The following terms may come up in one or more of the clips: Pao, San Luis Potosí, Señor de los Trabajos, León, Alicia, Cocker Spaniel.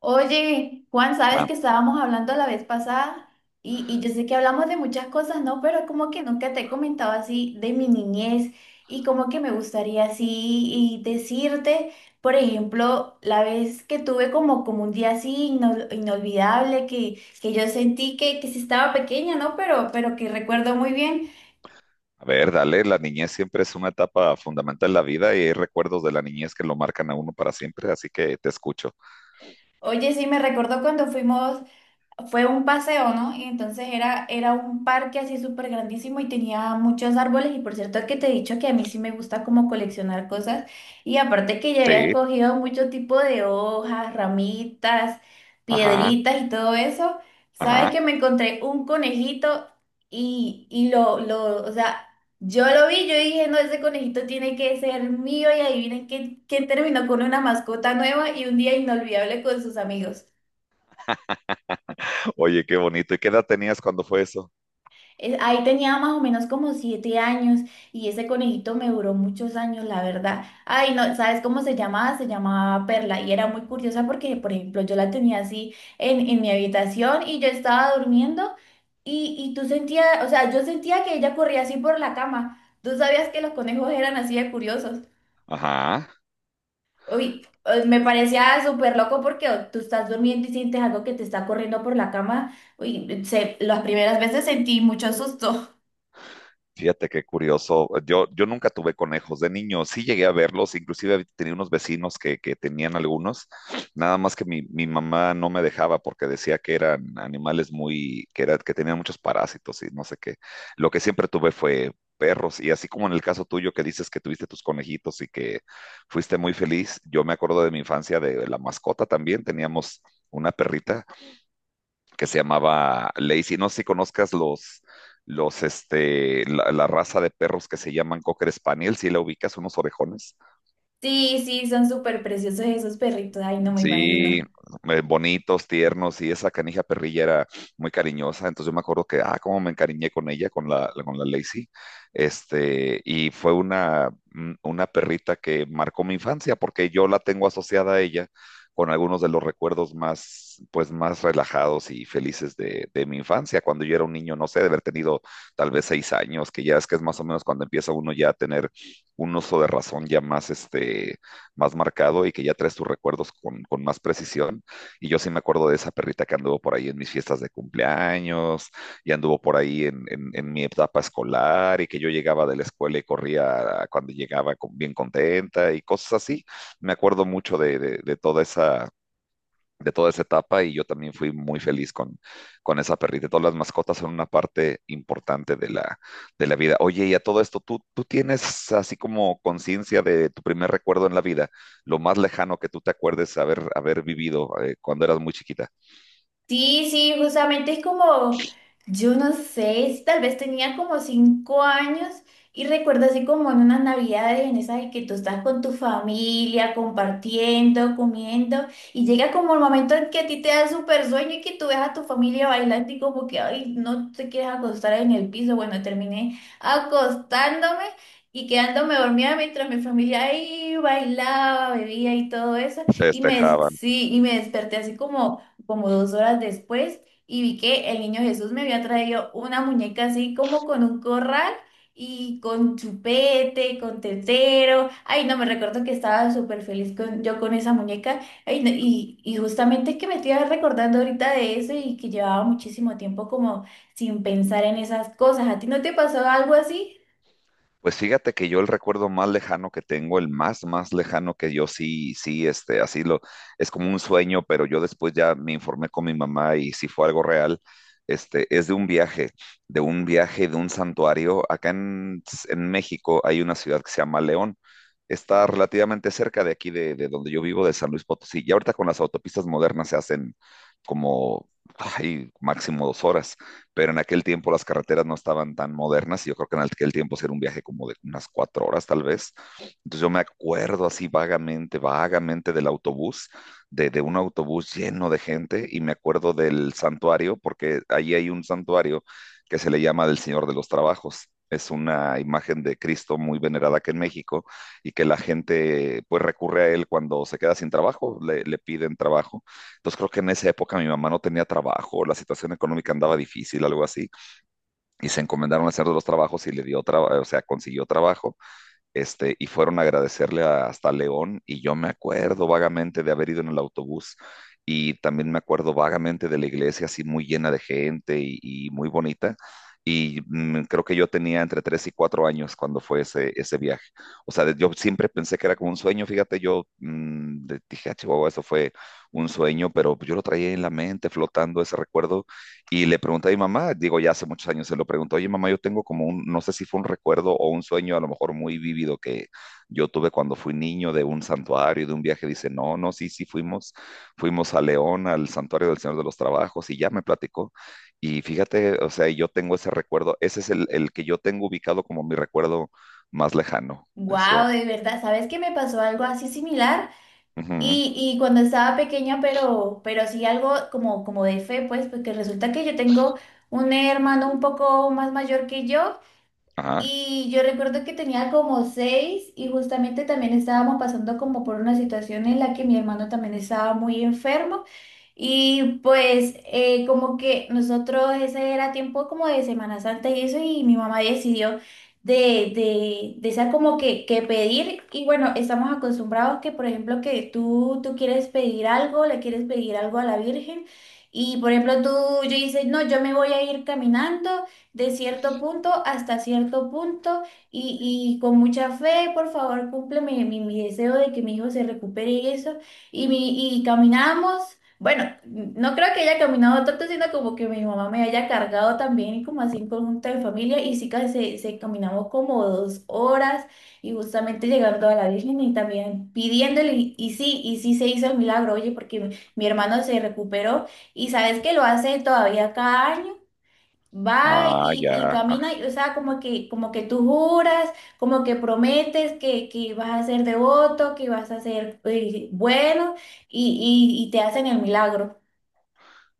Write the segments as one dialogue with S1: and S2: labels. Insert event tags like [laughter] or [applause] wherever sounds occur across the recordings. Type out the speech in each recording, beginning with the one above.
S1: Oye, Juan, sabes
S2: Va-
S1: que estábamos hablando la vez pasada y yo sé que hablamos de muchas cosas, ¿no? Pero como que nunca te he comentado así de mi niñez y como que me gustaría así y decirte, por ejemplo, la vez que tuve como un día así inolvidable que yo sentí que sí estaba pequeña, ¿no? Pero que recuerdo muy bien.
S2: A ver, dale, la niñez siempre es una etapa fundamental en la vida y hay recuerdos de la niñez que lo marcan a uno para siempre, así que te escucho.
S1: Oye, sí, me recordó cuando fuimos fue un paseo, ¿no? Y entonces era un parque así súper grandísimo y tenía muchos árboles. Y por cierto que te he dicho que a mí sí me gusta como coleccionar cosas. Y aparte que ya había
S2: Sí,
S1: escogido mucho tipo de hojas, ramitas,
S2: ajá,
S1: piedritas y todo eso. ¿Sabes que
S2: ajá.
S1: me encontré un conejito y o sea, yo lo vi, yo dije, no, ese conejito tiene que ser mío. Y adivinen quién terminó con una mascota nueva y un día inolvidable con sus amigos.
S2: Oye, qué bonito. ¿Y qué edad tenías cuando fue eso?
S1: Ahí tenía más o menos como 7 años y ese conejito me duró muchos años, la verdad. Ay, no, ¿sabes cómo se llamaba? Se llamaba Perla y era muy curiosa porque, por ejemplo, yo la tenía así en mi habitación y yo estaba durmiendo y tú sentías, o sea, yo sentía que ella corría así por la cama. ¿Tú sabías que los conejos eran así de curiosos?
S2: Ajá.
S1: Uy, me parecía súper loco porque oh, tú estás durmiendo y sientes algo que te está corriendo por la cama. Uy, las primeras veces sentí mucho susto.
S2: Fíjate qué curioso. Yo nunca tuve conejos de niño. Sí llegué a verlos, inclusive tenía unos vecinos que tenían algunos. Nada más que mi mamá no me dejaba porque decía que eran animales muy, que tenían muchos parásitos y no sé qué. Lo que siempre tuve fue perros. Y así como en el caso tuyo que dices que tuviste tus conejitos y que fuiste muy feliz, yo me acuerdo de mi infancia de la mascota también. Teníamos una perrita que se llamaba Lazy. No sé si conozcas la raza de perros que se llaman Cocker Spaniel, si la ubicas, unos orejones.
S1: Sí, sí, son súper preciosos esos perritos. Ay, no me
S2: Sí,
S1: imagino.
S2: bonitos, tiernos, y esa canija perrilla era muy cariñosa. Entonces yo me acuerdo que, ah, cómo me encariñé con ella, con la Lacey. Y fue una perrita que marcó mi infancia, porque yo la tengo asociada a ella con algunos de los recuerdos más, pues, más relajados y felices de mi infancia, cuando yo era un niño, no sé, de haber tenido tal vez 6 años, que ya es que es más o menos cuando empieza uno ya a tener un uso de razón ya más, más marcado y que ya traes tus recuerdos con más precisión. Y yo sí me acuerdo de esa perrita que anduvo por ahí en mis fiestas de cumpleaños y anduvo por ahí en mi etapa escolar y que yo llegaba de la escuela y corría cuando llegaba bien contenta y cosas así. Me acuerdo mucho de, de toda esa etapa y yo también fui muy feliz con esa perrita. Todas las mascotas son una parte importante de la vida. Oye, y a todo esto, ¿tú tienes así como conciencia de tu primer recuerdo en la vida, lo más lejano que tú te acuerdes haber, haber vivido cuando eras muy chiquita?
S1: Sí, sí, justamente es como, yo no sé, tal vez tenía como 5 años y recuerdo así como en unas navidades, en esas de que tú estás con tu familia, compartiendo, comiendo, y llega como el momento en que a ti te da súper sueño y que tú ves a tu familia bailando y como que, ay, no te quieres acostar en el piso. Bueno, terminé acostándome y quedándome dormida mientras mi familia ahí bailaba, bebía y todo eso,
S2: Festejaban.
S1: sí, y me desperté así como 2 horas después y vi que el niño Jesús me había traído una muñeca así como con un corral y con chupete, con tetero. Ay, no, me recuerdo que estaba súper feliz yo con esa muñeca. Ay, no, y justamente que me estoy recordando ahorita de eso y que llevaba muchísimo tiempo como sin pensar en esas cosas. ¿A ti no te pasó algo así?
S2: Pues fíjate que yo el recuerdo más lejano que tengo, el más, más lejano que yo sí, así lo, es como un sueño, pero yo después ya me informé con mi mamá y si fue algo real. Es de un viaje, de un santuario. Acá en México hay una ciudad que se llama León. Está relativamente cerca de aquí, de donde yo vivo, de San Luis Potosí. Y ahorita con las autopistas modernas se hacen como, ay, máximo 2 horas, pero en aquel tiempo las carreteras no estaban tan modernas y yo creo que en aquel tiempo sí era un viaje como de unas 4 horas tal vez. Entonces yo me acuerdo así vagamente del autobús, de un autobús lleno de gente, y me acuerdo del santuario, porque allí hay un santuario que se le llama del Señor de los Trabajos. Es una imagen de Cristo muy venerada aquí en México, y que la gente pues recurre a él cuando se queda sin trabajo, le piden trabajo. Entonces creo que en esa época mi mamá no tenía trabajo, la situación económica andaba difícil, algo así, y se encomendaron a hacer de los trabajos y le dio trabajo, o sea, consiguió trabajo. Y fueron a agradecerle hasta León, y yo me acuerdo vagamente de haber ido en el autobús, y también me acuerdo vagamente de la iglesia así muy llena de gente y muy bonita, y creo que yo tenía entre 3 y 4 años cuando fue ese viaje. O sea, yo siempre pensé que era como un sueño, fíjate. Yo dije, "Ah, Chihuahua, eso fue un sueño", pero yo lo traía en la mente flotando ese recuerdo, y le pregunté a mi mamá, digo, ya hace muchos años se lo pregunto, oye, mamá, yo tengo como un, no sé si fue un recuerdo o un sueño a lo mejor muy vívido que yo tuve cuando fui niño, de un santuario, de un viaje. Dice, no, no, sí, sí, fuimos a León, al santuario del Señor de los Trabajos, y ya me platicó. Y fíjate, o sea, yo tengo ese recuerdo, ese es el que yo tengo ubicado como mi recuerdo más lejano. Eso,
S1: Wow, de verdad, ¿sabes que me pasó algo así similar?
S2: ujú,
S1: Y cuando estaba pequeña, pero sí algo como de fe, pues, porque resulta que yo tengo un hermano un poco más mayor que yo
S2: ajá,
S1: y yo recuerdo que tenía como seis y justamente también estábamos pasando como por una situación en la que mi hermano también estaba muy enfermo. Y pues como que nosotros ese era tiempo como de Semana Santa y eso y mi mamá decidió de esa como que pedir y bueno, estamos acostumbrados que por ejemplo que tú quieres pedir algo, le quieres pedir algo a la Virgen y por ejemplo yo dices, no, yo me voy a ir caminando de cierto punto hasta cierto punto y con mucha fe, por favor, cumple mi deseo de que mi hijo se recupere y eso y caminamos. Bueno, no creo que haya caminado tanto, sino como que mi mamá me haya cargado también y como así en conjunto de familia y sí que se caminamos como 2 horas y justamente llegando a la Virgen y también pidiéndole y sí, y sí se hizo el milagro, oye, porque mi hermano se recuperó y sabes que lo hace todavía cada año. Va
S2: ah,
S1: y,
S2: ya.
S1: y camina, y, o sea, como que tú juras, como que prometes que vas a ser devoto, que vas a ser bueno y te hacen el milagro.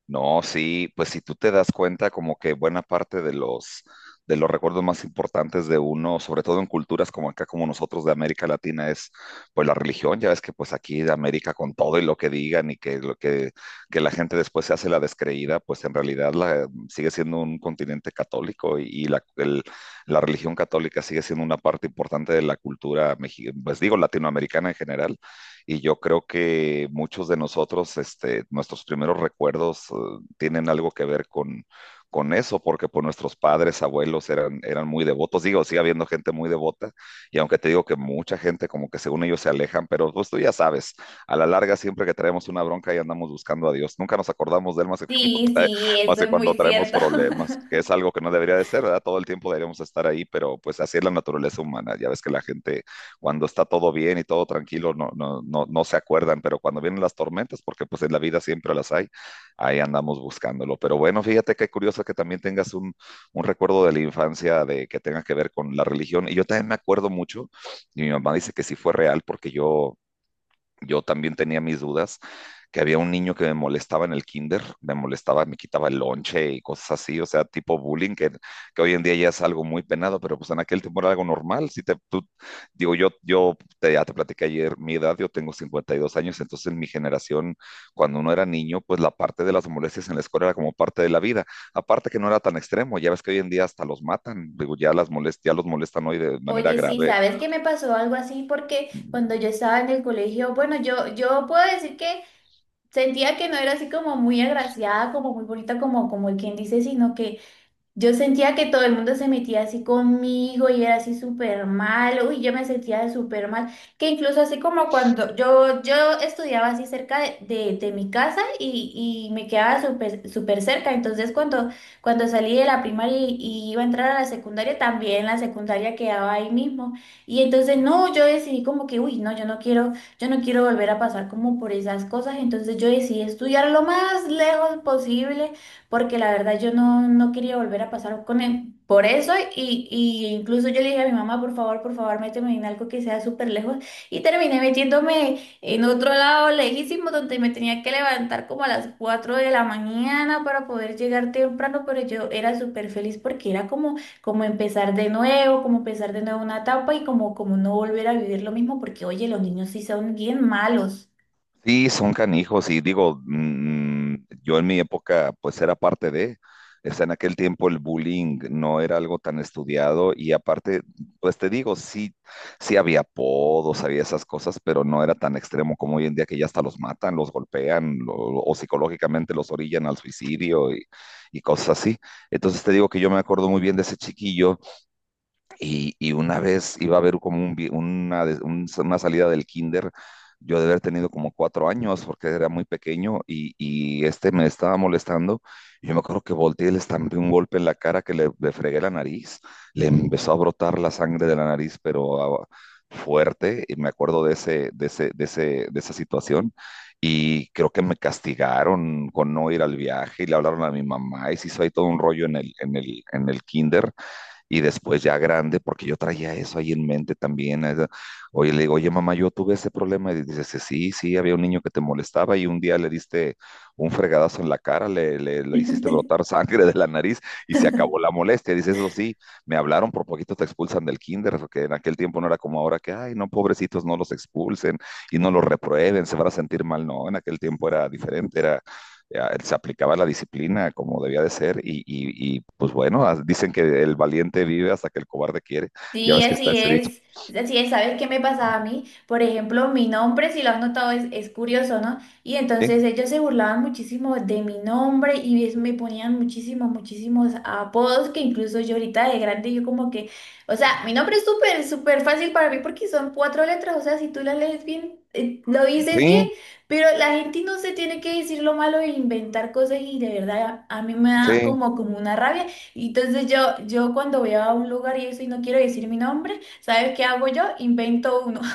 S2: No, sí, pues si tú te das cuenta como que buena parte de los recuerdos más importantes de uno, sobre todo en culturas como acá como nosotros de América Latina, es pues la religión. Ya ves que pues aquí de América, con todo y lo que digan y que lo que la gente después se hace la descreída, pues en realidad sigue siendo un continente católico, y la religión católica sigue siendo una parte importante de la cultura pues digo latinoamericana en general. Y yo creo que muchos de nosotros, nuestros primeros recuerdos tienen algo que ver con eso, porque pues nuestros padres, abuelos eran muy devotos. Digo, sigue habiendo gente muy devota, y aunque te digo que mucha gente como que según ellos se alejan, pero pues tú ya sabes, a la larga siempre que traemos una bronca y andamos buscando a Dios, nunca nos acordamos de él más que [laughs]
S1: Sí, sí,
S2: más
S1: eso
S2: que
S1: es
S2: cuando
S1: muy
S2: traemos
S1: cierto.
S2: problemas,
S1: [laughs]
S2: que es algo que no debería de ser, ¿verdad? Todo el tiempo deberíamos estar ahí, pero pues así es la naturaleza humana. Ya ves que la gente, cuando está todo bien y todo tranquilo, no se acuerdan, pero cuando vienen las tormentas, porque pues en la vida siempre las hay, ahí andamos buscándolo. Pero bueno, fíjate qué curioso que también tengas un, recuerdo de la infancia de que tenga que ver con la religión. Y yo también me acuerdo mucho, y mi mamá dice que sí fue real, porque yo también tenía mis dudas, que había un niño que me molestaba en el kinder, me quitaba el lonche y cosas así, o sea, tipo bullying, que hoy en día ya es algo muy penado, pero pues en aquel tiempo era algo normal. Si te, tú, digo, ya te platiqué ayer mi edad, yo tengo 52 años. Entonces, en mi generación, cuando uno era niño, pues la parte de las molestias en la escuela era como parte de la vida, aparte que no era tan extremo. Ya ves que hoy en día hasta los matan, digo, ya los molestan hoy de manera
S1: Oye, sí,
S2: grave.
S1: ¿sabes qué me pasó algo así? Porque cuando yo estaba en el colegio, bueno, yo puedo decir que sentía que no era así como muy agraciada, como muy bonita, como el quien dice, sino que yo sentía que todo el mundo se metía así conmigo y era así súper mal, uy, yo me sentía súper mal, que incluso así como cuando yo estudiaba así cerca de mi casa y me quedaba súper súper cerca, entonces cuando salí de la primaria y iba a entrar a la secundaria, también la secundaria quedaba ahí mismo, y entonces no, yo decidí como que, uy, no, yo no quiero volver a pasar como por esas cosas, entonces yo decidí estudiar lo más lejos posible porque la verdad yo no quería volver a pasar con él. Por eso, y incluso yo le dije a mi mamá, por favor, méteme en algo que sea súper lejos. Y terminé metiéndome en otro lado lejísimo, donde me tenía que levantar como a las 4 de la mañana para poder llegar temprano, pero yo era súper feliz porque era como empezar de nuevo, como empezar de nuevo una etapa y como no volver a vivir lo mismo, porque oye, los niños sí son bien malos.
S2: Sí, son canijos, y digo, yo en mi época pues era parte de, o sea, en aquel tiempo el bullying no era algo tan estudiado, y aparte, pues te digo, sí, sí había apodos, había esas cosas, pero no era tan extremo como hoy en día que ya hasta los matan, los golpean, o psicológicamente los orillan al suicidio, y cosas así. Entonces te digo que yo me acuerdo muy bien de ese chiquillo, y una vez iba a haber como un vi- una, de- un- una salida del kinder, yo de haber tenido como 4 años porque era muy pequeño, y, y me estaba molestando. Y yo me acuerdo que volteé y le estampé un golpe en la cara que le fregué la nariz, le empezó a brotar la sangre de la nariz, pero ah, fuerte. Y me acuerdo de ese, de esa situación. Y creo que me castigaron con no ir al viaje, y le hablaron a mi mamá y se hizo ahí todo un rollo en el, kinder, y después ya grande, porque yo traía eso ahí en mente también. Oye, le digo, oye, mamá, yo tuve ese problema. Y dices, sí, sí, había un niño que te molestaba y un día le diste un fregadazo en la cara, le hiciste brotar [laughs] sangre de la nariz, y se acabó la molestia. Dices, eso sí, me hablaron, por poquito te expulsan del kinder, porque en aquel tiempo no era como ahora que, ay, no, pobrecitos, no los expulsen y no los reprueben, se van a sentir mal. No, en aquel tiempo era diferente. Era ya, se aplicaba la disciplina como debía de ser, y, pues bueno, dicen que el valiente vive hasta que el cobarde quiere. Ya
S1: Sí,
S2: ves que está
S1: así
S2: ese dicho.
S1: es. Así es, ¿sabes qué me pasaba a mí? Por ejemplo, mi nombre, si lo has notado, es curioso, ¿no? Y
S2: Sí,
S1: entonces ellos se burlaban muchísimo de mi nombre y me ponían muchísimos, muchísimos apodos que incluso yo ahorita de grande, yo como que, o sea, mi nombre es súper, súper fácil para mí porque son cuatro letras, o sea, si tú las lees bien, lo dices bien,
S2: sí,
S1: pero la gente no se tiene que decir lo malo e inventar cosas y de verdad a mí me da
S2: sí.
S1: como una rabia. Y entonces yo cuando voy a un lugar y eso y no quiero decir mi nombre, ¿sabes qué hago yo? Invento uno. [laughs]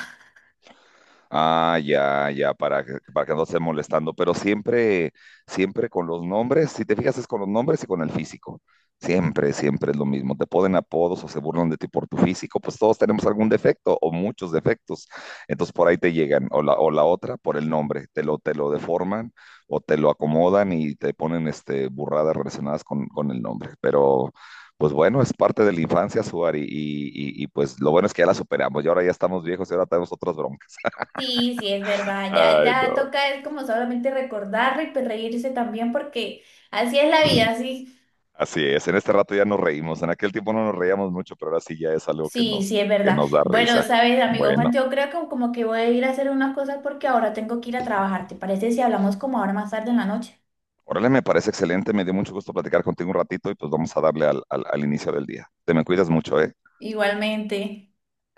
S2: Ah, ya, ya, para que no esté molestando, pero siempre, siempre con los nombres. Si te fijas, es con los nombres y con el físico. Siempre, siempre es lo mismo. Te ponen apodos o se burlan de ti por tu físico, pues todos tenemos algún defecto o muchos defectos. Entonces por ahí te llegan, o la otra por el nombre, te lo deforman o te lo acomodan y te ponen este, burradas relacionadas con el nombre. Pero pues bueno, es parte de la infancia, Suar, y pues lo bueno es que ya la superamos, y ahora ya estamos viejos y ahora tenemos otras bromas.
S1: Sí, sí, es verdad. Ya,
S2: Ay,
S1: ya
S2: no.
S1: toca es como solamente recordarlo y pues reírse también porque así es la vida, sí.
S2: Así es, en este rato ya nos reímos. En aquel tiempo no nos reíamos mucho, pero ahora sí ya es algo
S1: Sí, sí, es
S2: que
S1: verdad.
S2: nos da
S1: Bueno,
S2: risa.
S1: sabes, amigo
S2: Bueno,
S1: Juan, yo creo que como que voy a ir a hacer unas cosas porque ahora tengo que ir a trabajar. ¿Te parece si hablamos como ahora más tarde en la noche?
S2: órale, me parece excelente. Me dio mucho gusto platicar contigo un ratito, y pues vamos a darle al, al, al inicio del día. Te me cuidas mucho, ¿eh?
S1: Igualmente.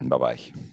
S2: Bye bye.